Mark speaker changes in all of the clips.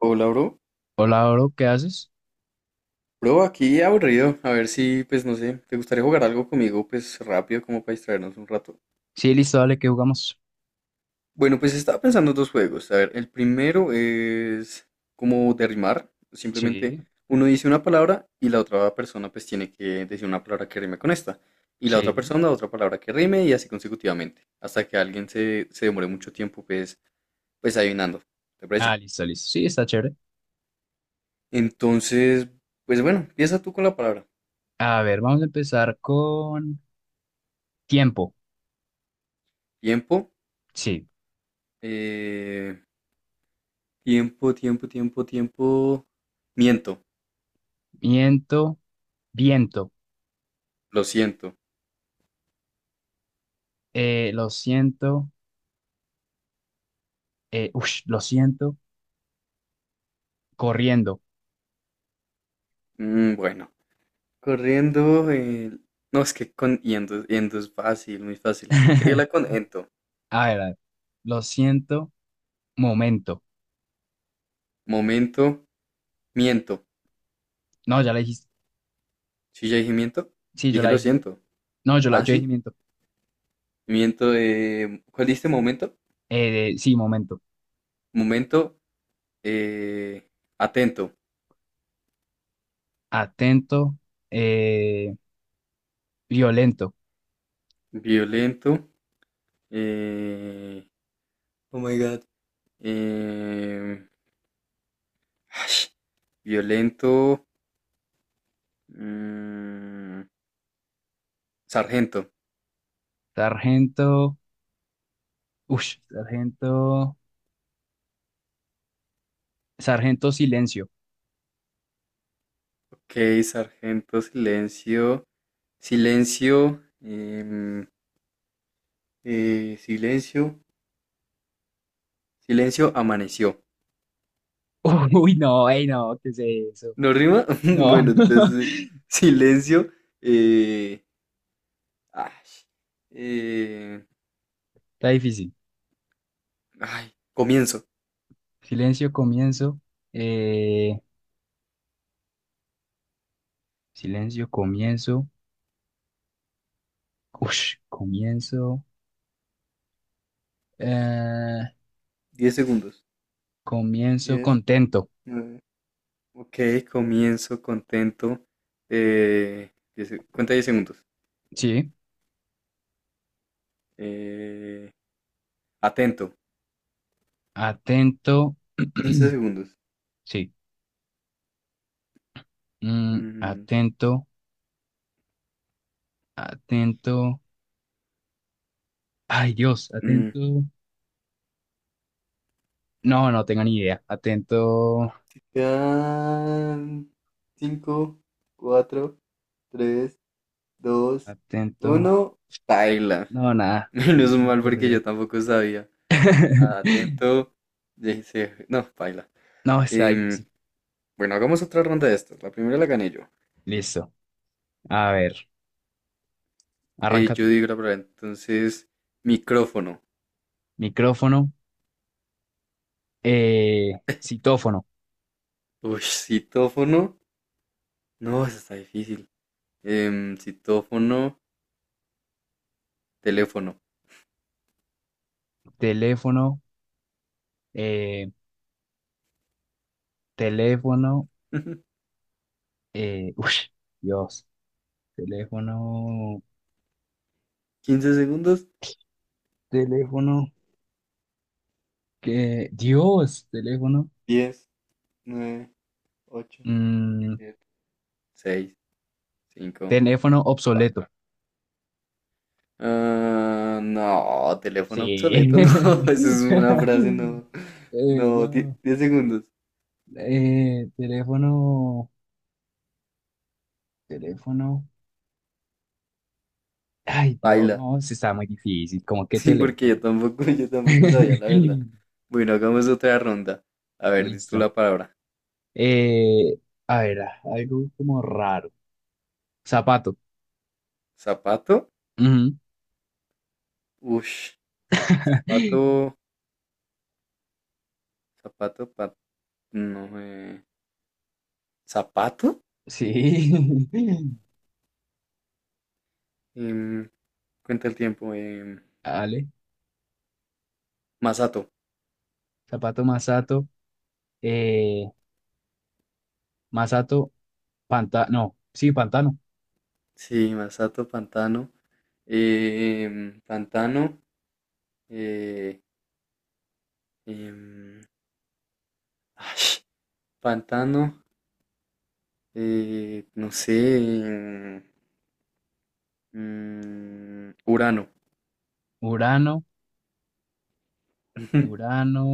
Speaker 1: Hola, bro.
Speaker 2: Hola, bro, ¿qué haces?
Speaker 1: Bro, aquí aburrido. A ver si, pues no sé, ¿te gustaría jugar algo conmigo, pues rápido, como para distraernos un rato?
Speaker 2: Sí, listo, dale, que jugamos?
Speaker 1: Bueno, pues estaba pensando dos juegos. A ver, el primero es como de rimar.
Speaker 2: Sí,
Speaker 1: Simplemente uno dice una palabra y la otra persona pues tiene que decir una palabra que rime con esta. Y la otra
Speaker 2: sí.
Speaker 1: persona otra palabra que rime y así consecutivamente. Hasta que alguien se demore mucho tiempo pues adivinando. ¿Te
Speaker 2: Ah,
Speaker 1: parece?
Speaker 2: listo, listo. Sí, está chévere.
Speaker 1: Entonces, pues bueno, empieza tú con la palabra.
Speaker 2: A ver, vamos a empezar con tiempo.
Speaker 1: Tiempo.
Speaker 2: Sí,
Speaker 1: Eh... Tiempo, tiempo, tiempo, tiempo. Miento,
Speaker 2: viento, viento.
Speaker 1: lo siento.
Speaker 2: Lo siento, ush, lo siento, corriendo.
Speaker 1: Bueno, corriendo. No, es que con yendo, yendo es fácil, muy fácil. Síguela con ento.
Speaker 2: A ver, a ver. Lo siento, momento.
Speaker 1: Momento, miento.
Speaker 2: No, ya la dijiste.
Speaker 1: Si ya dije miento,
Speaker 2: Sí, yo
Speaker 1: dije
Speaker 2: la
Speaker 1: lo
Speaker 2: dije.
Speaker 1: siento.
Speaker 2: No, yo la,
Speaker 1: Ah,
Speaker 2: yo dije
Speaker 1: sí,
Speaker 2: miento.
Speaker 1: miento. ¿Cuál dijiste momento?
Speaker 2: Sí, momento.
Speaker 1: Momento, eh, atento.
Speaker 2: Atento, eh, violento.
Speaker 1: Violento. eh, Oh my God. em, Violento. mm, Sargento.
Speaker 2: Sargento, sargento. Sargento Silencio.
Speaker 1: Ok, sargento, silencio, silencio, silencio, silencio, amaneció.
Speaker 2: Uy, no, ey, no, ¿qué es eso?
Speaker 1: ¿No rima?
Speaker 2: No,
Speaker 1: Bueno, entonces, silencio, eh, ay, eh,
Speaker 2: está difícil.
Speaker 1: ay, comienzo.
Speaker 2: Silencio, comienzo. eh, silencio, comienzo. Ush, comienzo. eh,
Speaker 1: 10 segundos.
Speaker 2: comienzo
Speaker 1: Diez,
Speaker 2: contento.
Speaker 1: nueve. Ok, comienzo, contento. Cuenta 10 segundos.
Speaker 2: Sí,
Speaker 1: Eh, atento.
Speaker 2: atento.
Speaker 1: 15 segundos.
Speaker 2: Sí,
Speaker 1: Mm,
Speaker 2: atento, atento. Ay, Dios,
Speaker 1: mm.
Speaker 2: atento. No, no tengo ni idea. Atento,
Speaker 1: Quedan 5, 4, 3, 2,
Speaker 2: atento.
Speaker 1: 1. Paila.
Speaker 2: No, nada, no
Speaker 1: Menos
Speaker 2: se me
Speaker 1: mal porque
Speaker 2: ocurrió.
Speaker 1: yo tampoco sabía. Atento. Dice, no, paila.
Speaker 2: No, está
Speaker 1: Em,
Speaker 2: difícil.
Speaker 1: bueno, hagamos otra ronda de estas. La primera la gané yo.
Speaker 2: Listo. A ver, arranca
Speaker 1: Yo
Speaker 2: tú.
Speaker 1: digo la palabra. Entonces, micrófono.
Speaker 2: Micrófono, citófono,
Speaker 1: Uy, citófono. No, eso está difícil. Citófono, teléfono.
Speaker 2: teléfono, eh, teléfono, uy, Dios, teléfono,
Speaker 1: 15 segundos.
Speaker 2: teléfono, que, Dios, teléfono,
Speaker 1: Diez, nueve, ocho,
Speaker 2: mm,
Speaker 1: siete, seis, cinco,
Speaker 2: teléfono obsoleto.
Speaker 1: cuatro. Ah, no, teléfono
Speaker 2: Sí.
Speaker 1: obsoleto, no. Eso es una frase, no. No,
Speaker 2: No,
Speaker 1: 10 segundos.
Speaker 2: teléfono, teléfono, ay, Dios,
Speaker 1: Baila.
Speaker 2: no, se está muy difícil, ¿Cómo que
Speaker 1: Sí, porque yo
Speaker 2: teléfono.
Speaker 1: tampoco, yo tampoco sabía la verdad. Bueno, hagamos otra ronda. A ver, di tú
Speaker 2: Listo.
Speaker 1: la palabra.
Speaker 2: Eh, a ver, ah, algo como raro. Zapato.
Speaker 1: ¿Zapato?
Speaker 2: Ujú.
Speaker 1: Ush. Zapato. Zapato. No, ¿Zapato?
Speaker 2: Sí.
Speaker 1: Em, Cuenta el tiempo.
Speaker 2: Vale.
Speaker 1: Masato.
Speaker 2: Zapato Masato. Eh, Masato, pantano. No, sí, pantano.
Speaker 1: Sí, Masato, pantano. Pantano. eh, Em, Ay, pantano, no sé, em, Urano.
Speaker 2: Urano, Urano.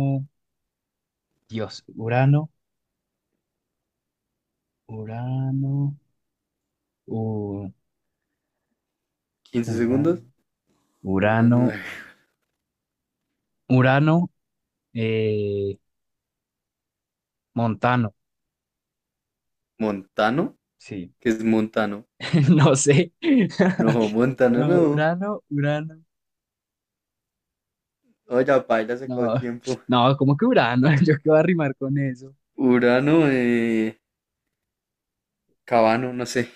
Speaker 2: Dios, Urano, Urano, U-
Speaker 1: 15 segundos.
Speaker 2: Urano, Urano,
Speaker 1: Urano,
Speaker 2: Urano, eh, Montano.
Speaker 1: Montano,
Speaker 2: Sí,
Speaker 1: ¿qué es Montano?
Speaker 2: no sé.
Speaker 1: No, Montano
Speaker 2: No,
Speaker 1: no.
Speaker 2: Urano, Urano.
Speaker 1: Oye, paila, se acabó
Speaker 2: No,
Speaker 1: el tiempo.
Speaker 2: no, como que Urano, yo qué voy a rimar con eso.
Speaker 1: Urano, Cabano, no sé,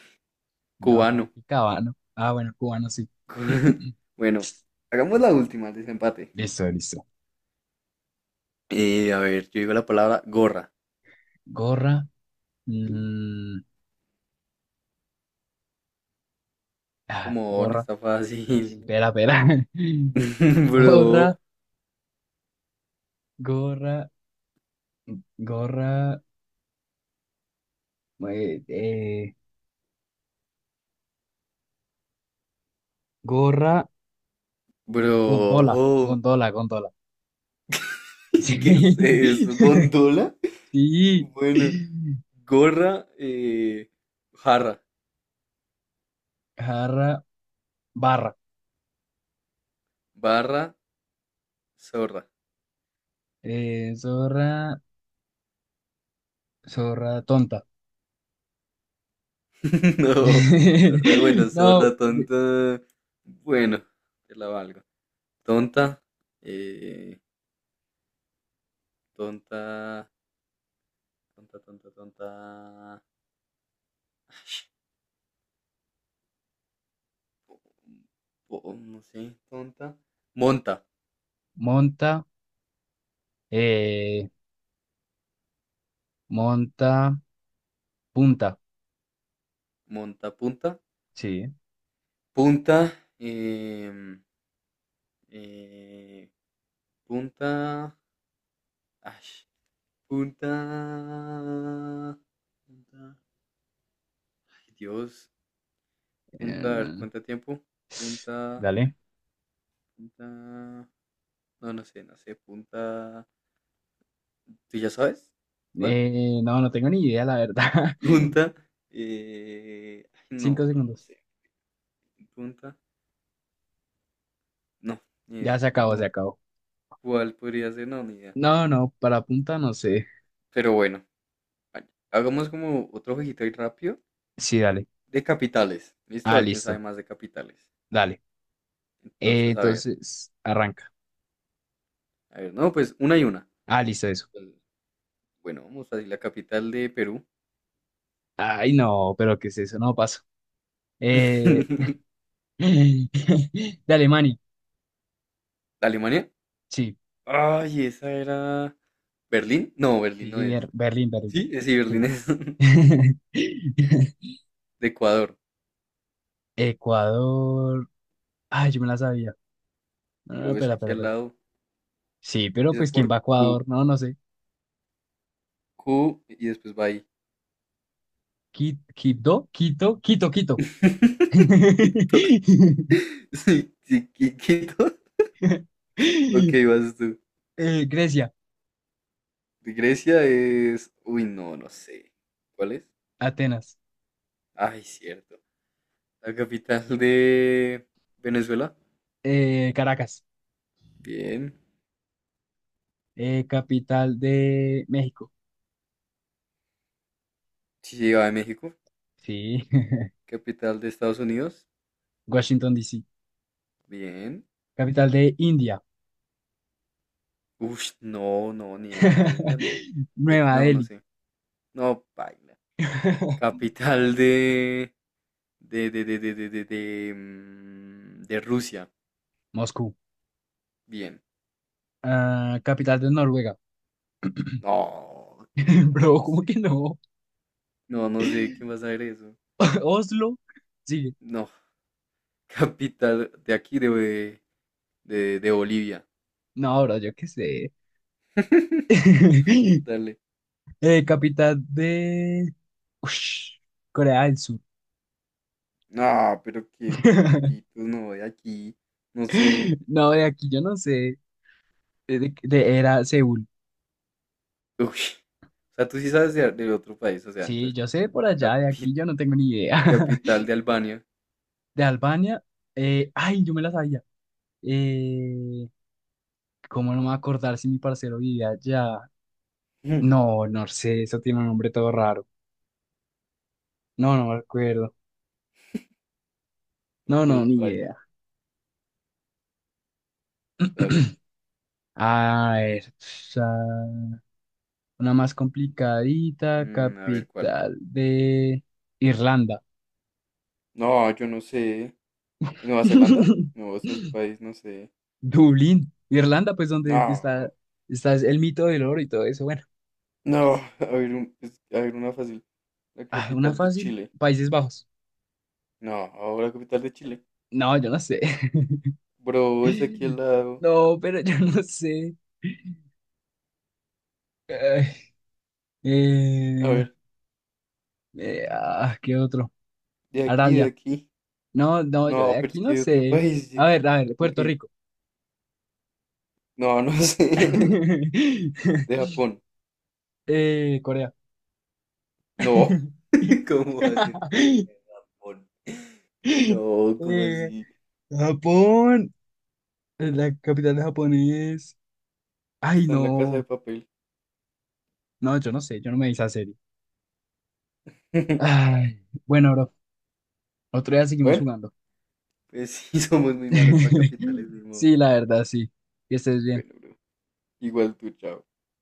Speaker 2: No, como
Speaker 1: cubano.
Speaker 2: que Cabano. Ah, bueno, cubano sí.
Speaker 1: Bueno, hagamos la última, el desempate.
Speaker 2: Listo, listo.
Speaker 1: A ver, yo digo la palabra gorra.
Speaker 2: Gorra. mm, ah,
Speaker 1: Como on,
Speaker 2: gorra.
Speaker 1: está
Speaker 2: Sí, sí.
Speaker 1: fácil.
Speaker 2: Espera, espera.
Speaker 1: Bro,
Speaker 2: Gorra, gorra, gorra. eh, eh, gorra, gondola,
Speaker 1: bro.
Speaker 2: gondola, gondola. Sí.
Speaker 1: ¿Qué es eso? ¿Gondola?
Speaker 2: Sí.
Speaker 1: Bueno, gorra, jarra,
Speaker 2: Jarra, barra.
Speaker 1: barra, zorra.
Speaker 2: Zorra, zorra tonta.
Speaker 1: No, zorra, bueno,
Speaker 2: No,
Speaker 1: zorra, tonta. Bueno, te la valgo. Tonta, eh, tonta, tonta, tonta, tonta. No sé, tonta. Monta,
Speaker 2: monta. Eh, monta, punta.
Speaker 1: monta, punta,
Speaker 2: Sí,
Speaker 1: punta, em, eh, punta. Ash, punta. Punta. Ay, Dios. Punta, a ver,
Speaker 2: Eh,
Speaker 1: ¿cuánto tiempo? Punta.
Speaker 2: dale.
Speaker 1: Punta. No, no sé, no sé. Punta. ¿Tú ya sabes? ¿Cuál?
Speaker 2: No, no tengo ni idea, la verdad.
Speaker 1: Punta. Ay,
Speaker 2: Cinco
Speaker 1: no, bro, no
Speaker 2: segundos.
Speaker 1: sé. Punta. No, ni
Speaker 2: Ya
Speaker 1: idea.
Speaker 2: se acabó, se
Speaker 1: No.
Speaker 2: acabó.
Speaker 1: ¿Cuál podría ser? No, ni idea.
Speaker 2: No, no, para punta no sé.
Speaker 1: Pero bueno, vale, hagamos como otro jueguito ahí rápido.
Speaker 2: Sí, dale.
Speaker 1: De capitales. Listo, a
Speaker 2: Ah,
Speaker 1: ver quién
Speaker 2: listo.
Speaker 1: sabe más de capitales.
Speaker 2: Dale.
Speaker 1: Entonces, a ver.
Speaker 2: Entonces, arranca.
Speaker 1: A ver, no, pues una y una.
Speaker 2: Ah, listo, eso.
Speaker 1: Bueno, vamos a decir la capital de Perú.
Speaker 2: Ay, no, pero ¿qué es eso? No paso. Eh, de Alemania.
Speaker 1: ¿Alemania?
Speaker 2: Sí,
Speaker 1: Ay, esa era. ¿Berlín? No, Berlín no
Speaker 2: sí,
Speaker 1: es.
Speaker 2: Berlín, Berlín.
Speaker 1: Sí, sí, Berlín
Speaker 2: Sí.
Speaker 1: es de Ecuador.
Speaker 2: Ecuador. Ay, yo me la sabía. No, no,
Speaker 1: Bro, es
Speaker 2: espera,
Speaker 1: aquí
Speaker 2: espera,
Speaker 1: al
Speaker 2: espera.
Speaker 1: lado.
Speaker 2: Sí, pero
Speaker 1: Empieza
Speaker 2: pues ¿quién
Speaker 1: por
Speaker 2: va a
Speaker 1: Q.
Speaker 2: Ecuador? No, no sé.
Speaker 1: Q y después va ahí.
Speaker 2: Quito, Quito, Quito, Quito.
Speaker 1: Quito. Sí, sí, Quito. Ok, vas tú.
Speaker 2: Grecia,
Speaker 1: De Grecia es. Uy, no, no sé. ¿Cuál es?
Speaker 2: Atenas,
Speaker 1: Ay, cierto. La capital de Venezuela.
Speaker 2: Caracas,
Speaker 1: Bien.
Speaker 2: capital de México.
Speaker 1: Sí, sí, va de México.
Speaker 2: Sí.
Speaker 1: Capital de Estados Unidos.
Speaker 2: Washington, D. C.
Speaker 1: Bien.
Speaker 2: capital de India.
Speaker 1: Uf, no, no, ni idea de India, no.
Speaker 2: Nueva
Speaker 1: No, no
Speaker 2: Delhi,
Speaker 1: sé. No, baila. Capital de... De Rusia.
Speaker 2: Moscú,
Speaker 1: Bien.
Speaker 2: Ah, capital de Noruega.
Speaker 1: No, y no,
Speaker 2: Bro,
Speaker 1: no
Speaker 2: ¿cómo
Speaker 1: sé.
Speaker 2: que no?
Speaker 1: No, no sé quién va a saber eso.
Speaker 2: Oslo, sigue.
Speaker 1: No. Capital de aquí, de Bolivia.
Speaker 2: No, bro, yo qué sé.
Speaker 1: Dale.
Speaker 2: Capital de Ush, Corea del Sur.
Speaker 1: No, pero qué pitos, no, de aquí. No sé.
Speaker 2: No, de aquí yo no sé. Era Seúl.
Speaker 1: Uy, o sea, tú sí sabes de otro país, o sea,
Speaker 2: Sí,
Speaker 1: entonces,
Speaker 2: yo sé por allá, de aquí
Speaker 1: capi-
Speaker 2: yo no tengo ni idea.
Speaker 1: capital de Albania.
Speaker 2: De Albania, ay, yo me la sabía. Eh, ¿Cómo no me voy a acordar si mi parcero vivía allá?
Speaker 1: Ujú.
Speaker 2: No, no sé, eso tiene un nombre todo raro. No, no me acuerdo. No,
Speaker 1: Ok,
Speaker 2: no, ni
Speaker 1: baila,
Speaker 2: idea.
Speaker 1: dale.
Speaker 2: A ver, una más complicadita,
Speaker 1: A ver, ¿cuál?
Speaker 2: capital de Irlanda.
Speaker 1: No, yo no sé. ¿Nueva Zelanda? No, eso es un país, no sé.
Speaker 2: Dublín, Irlanda, pues donde está,
Speaker 1: No,
Speaker 2: está el mito del oro y todo eso. Bueno,
Speaker 1: no, a ver, a ver una fácil. La
Speaker 2: ah, una
Speaker 1: capital de
Speaker 2: fácil,
Speaker 1: Chile.
Speaker 2: Países Bajos.
Speaker 1: No, la capital de Chile.
Speaker 2: No, yo no sé.
Speaker 1: Bro, es aquí al lado.
Speaker 2: No, pero yo no sé. Ay,
Speaker 1: A
Speaker 2: eh,
Speaker 1: ver,
Speaker 2: ah, ¿qué otro?
Speaker 1: de aquí, de
Speaker 2: Arabia.
Speaker 1: aquí.
Speaker 2: No, no, yo
Speaker 1: No,
Speaker 2: de
Speaker 1: pero es
Speaker 2: aquí
Speaker 1: que
Speaker 2: no
Speaker 1: de otro
Speaker 2: sé.
Speaker 1: país.
Speaker 2: A ver,
Speaker 1: Ok,
Speaker 2: Puerto Rico.
Speaker 1: no, no sé. De Japón.
Speaker 2: Corea.
Speaker 1: No, ¿cómo va a ser con el Japón? No, ¿cómo
Speaker 2: Eh,
Speaker 1: así?
Speaker 2: Japón. La capital de Japón es. Ay,
Speaker 1: Está en la casa de
Speaker 2: no.
Speaker 1: papel.
Speaker 2: No, yo no sé, yo no me hice serie. Ay, bueno, bro, otro día seguimos
Speaker 1: Bueno,
Speaker 2: jugando.
Speaker 1: pues sí, somos muy malos para capitales, de modo.
Speaker 2: Sí, la verdad, sí. Que estés bien.
Speaker 1: Bueno, bro, igual tú, chao.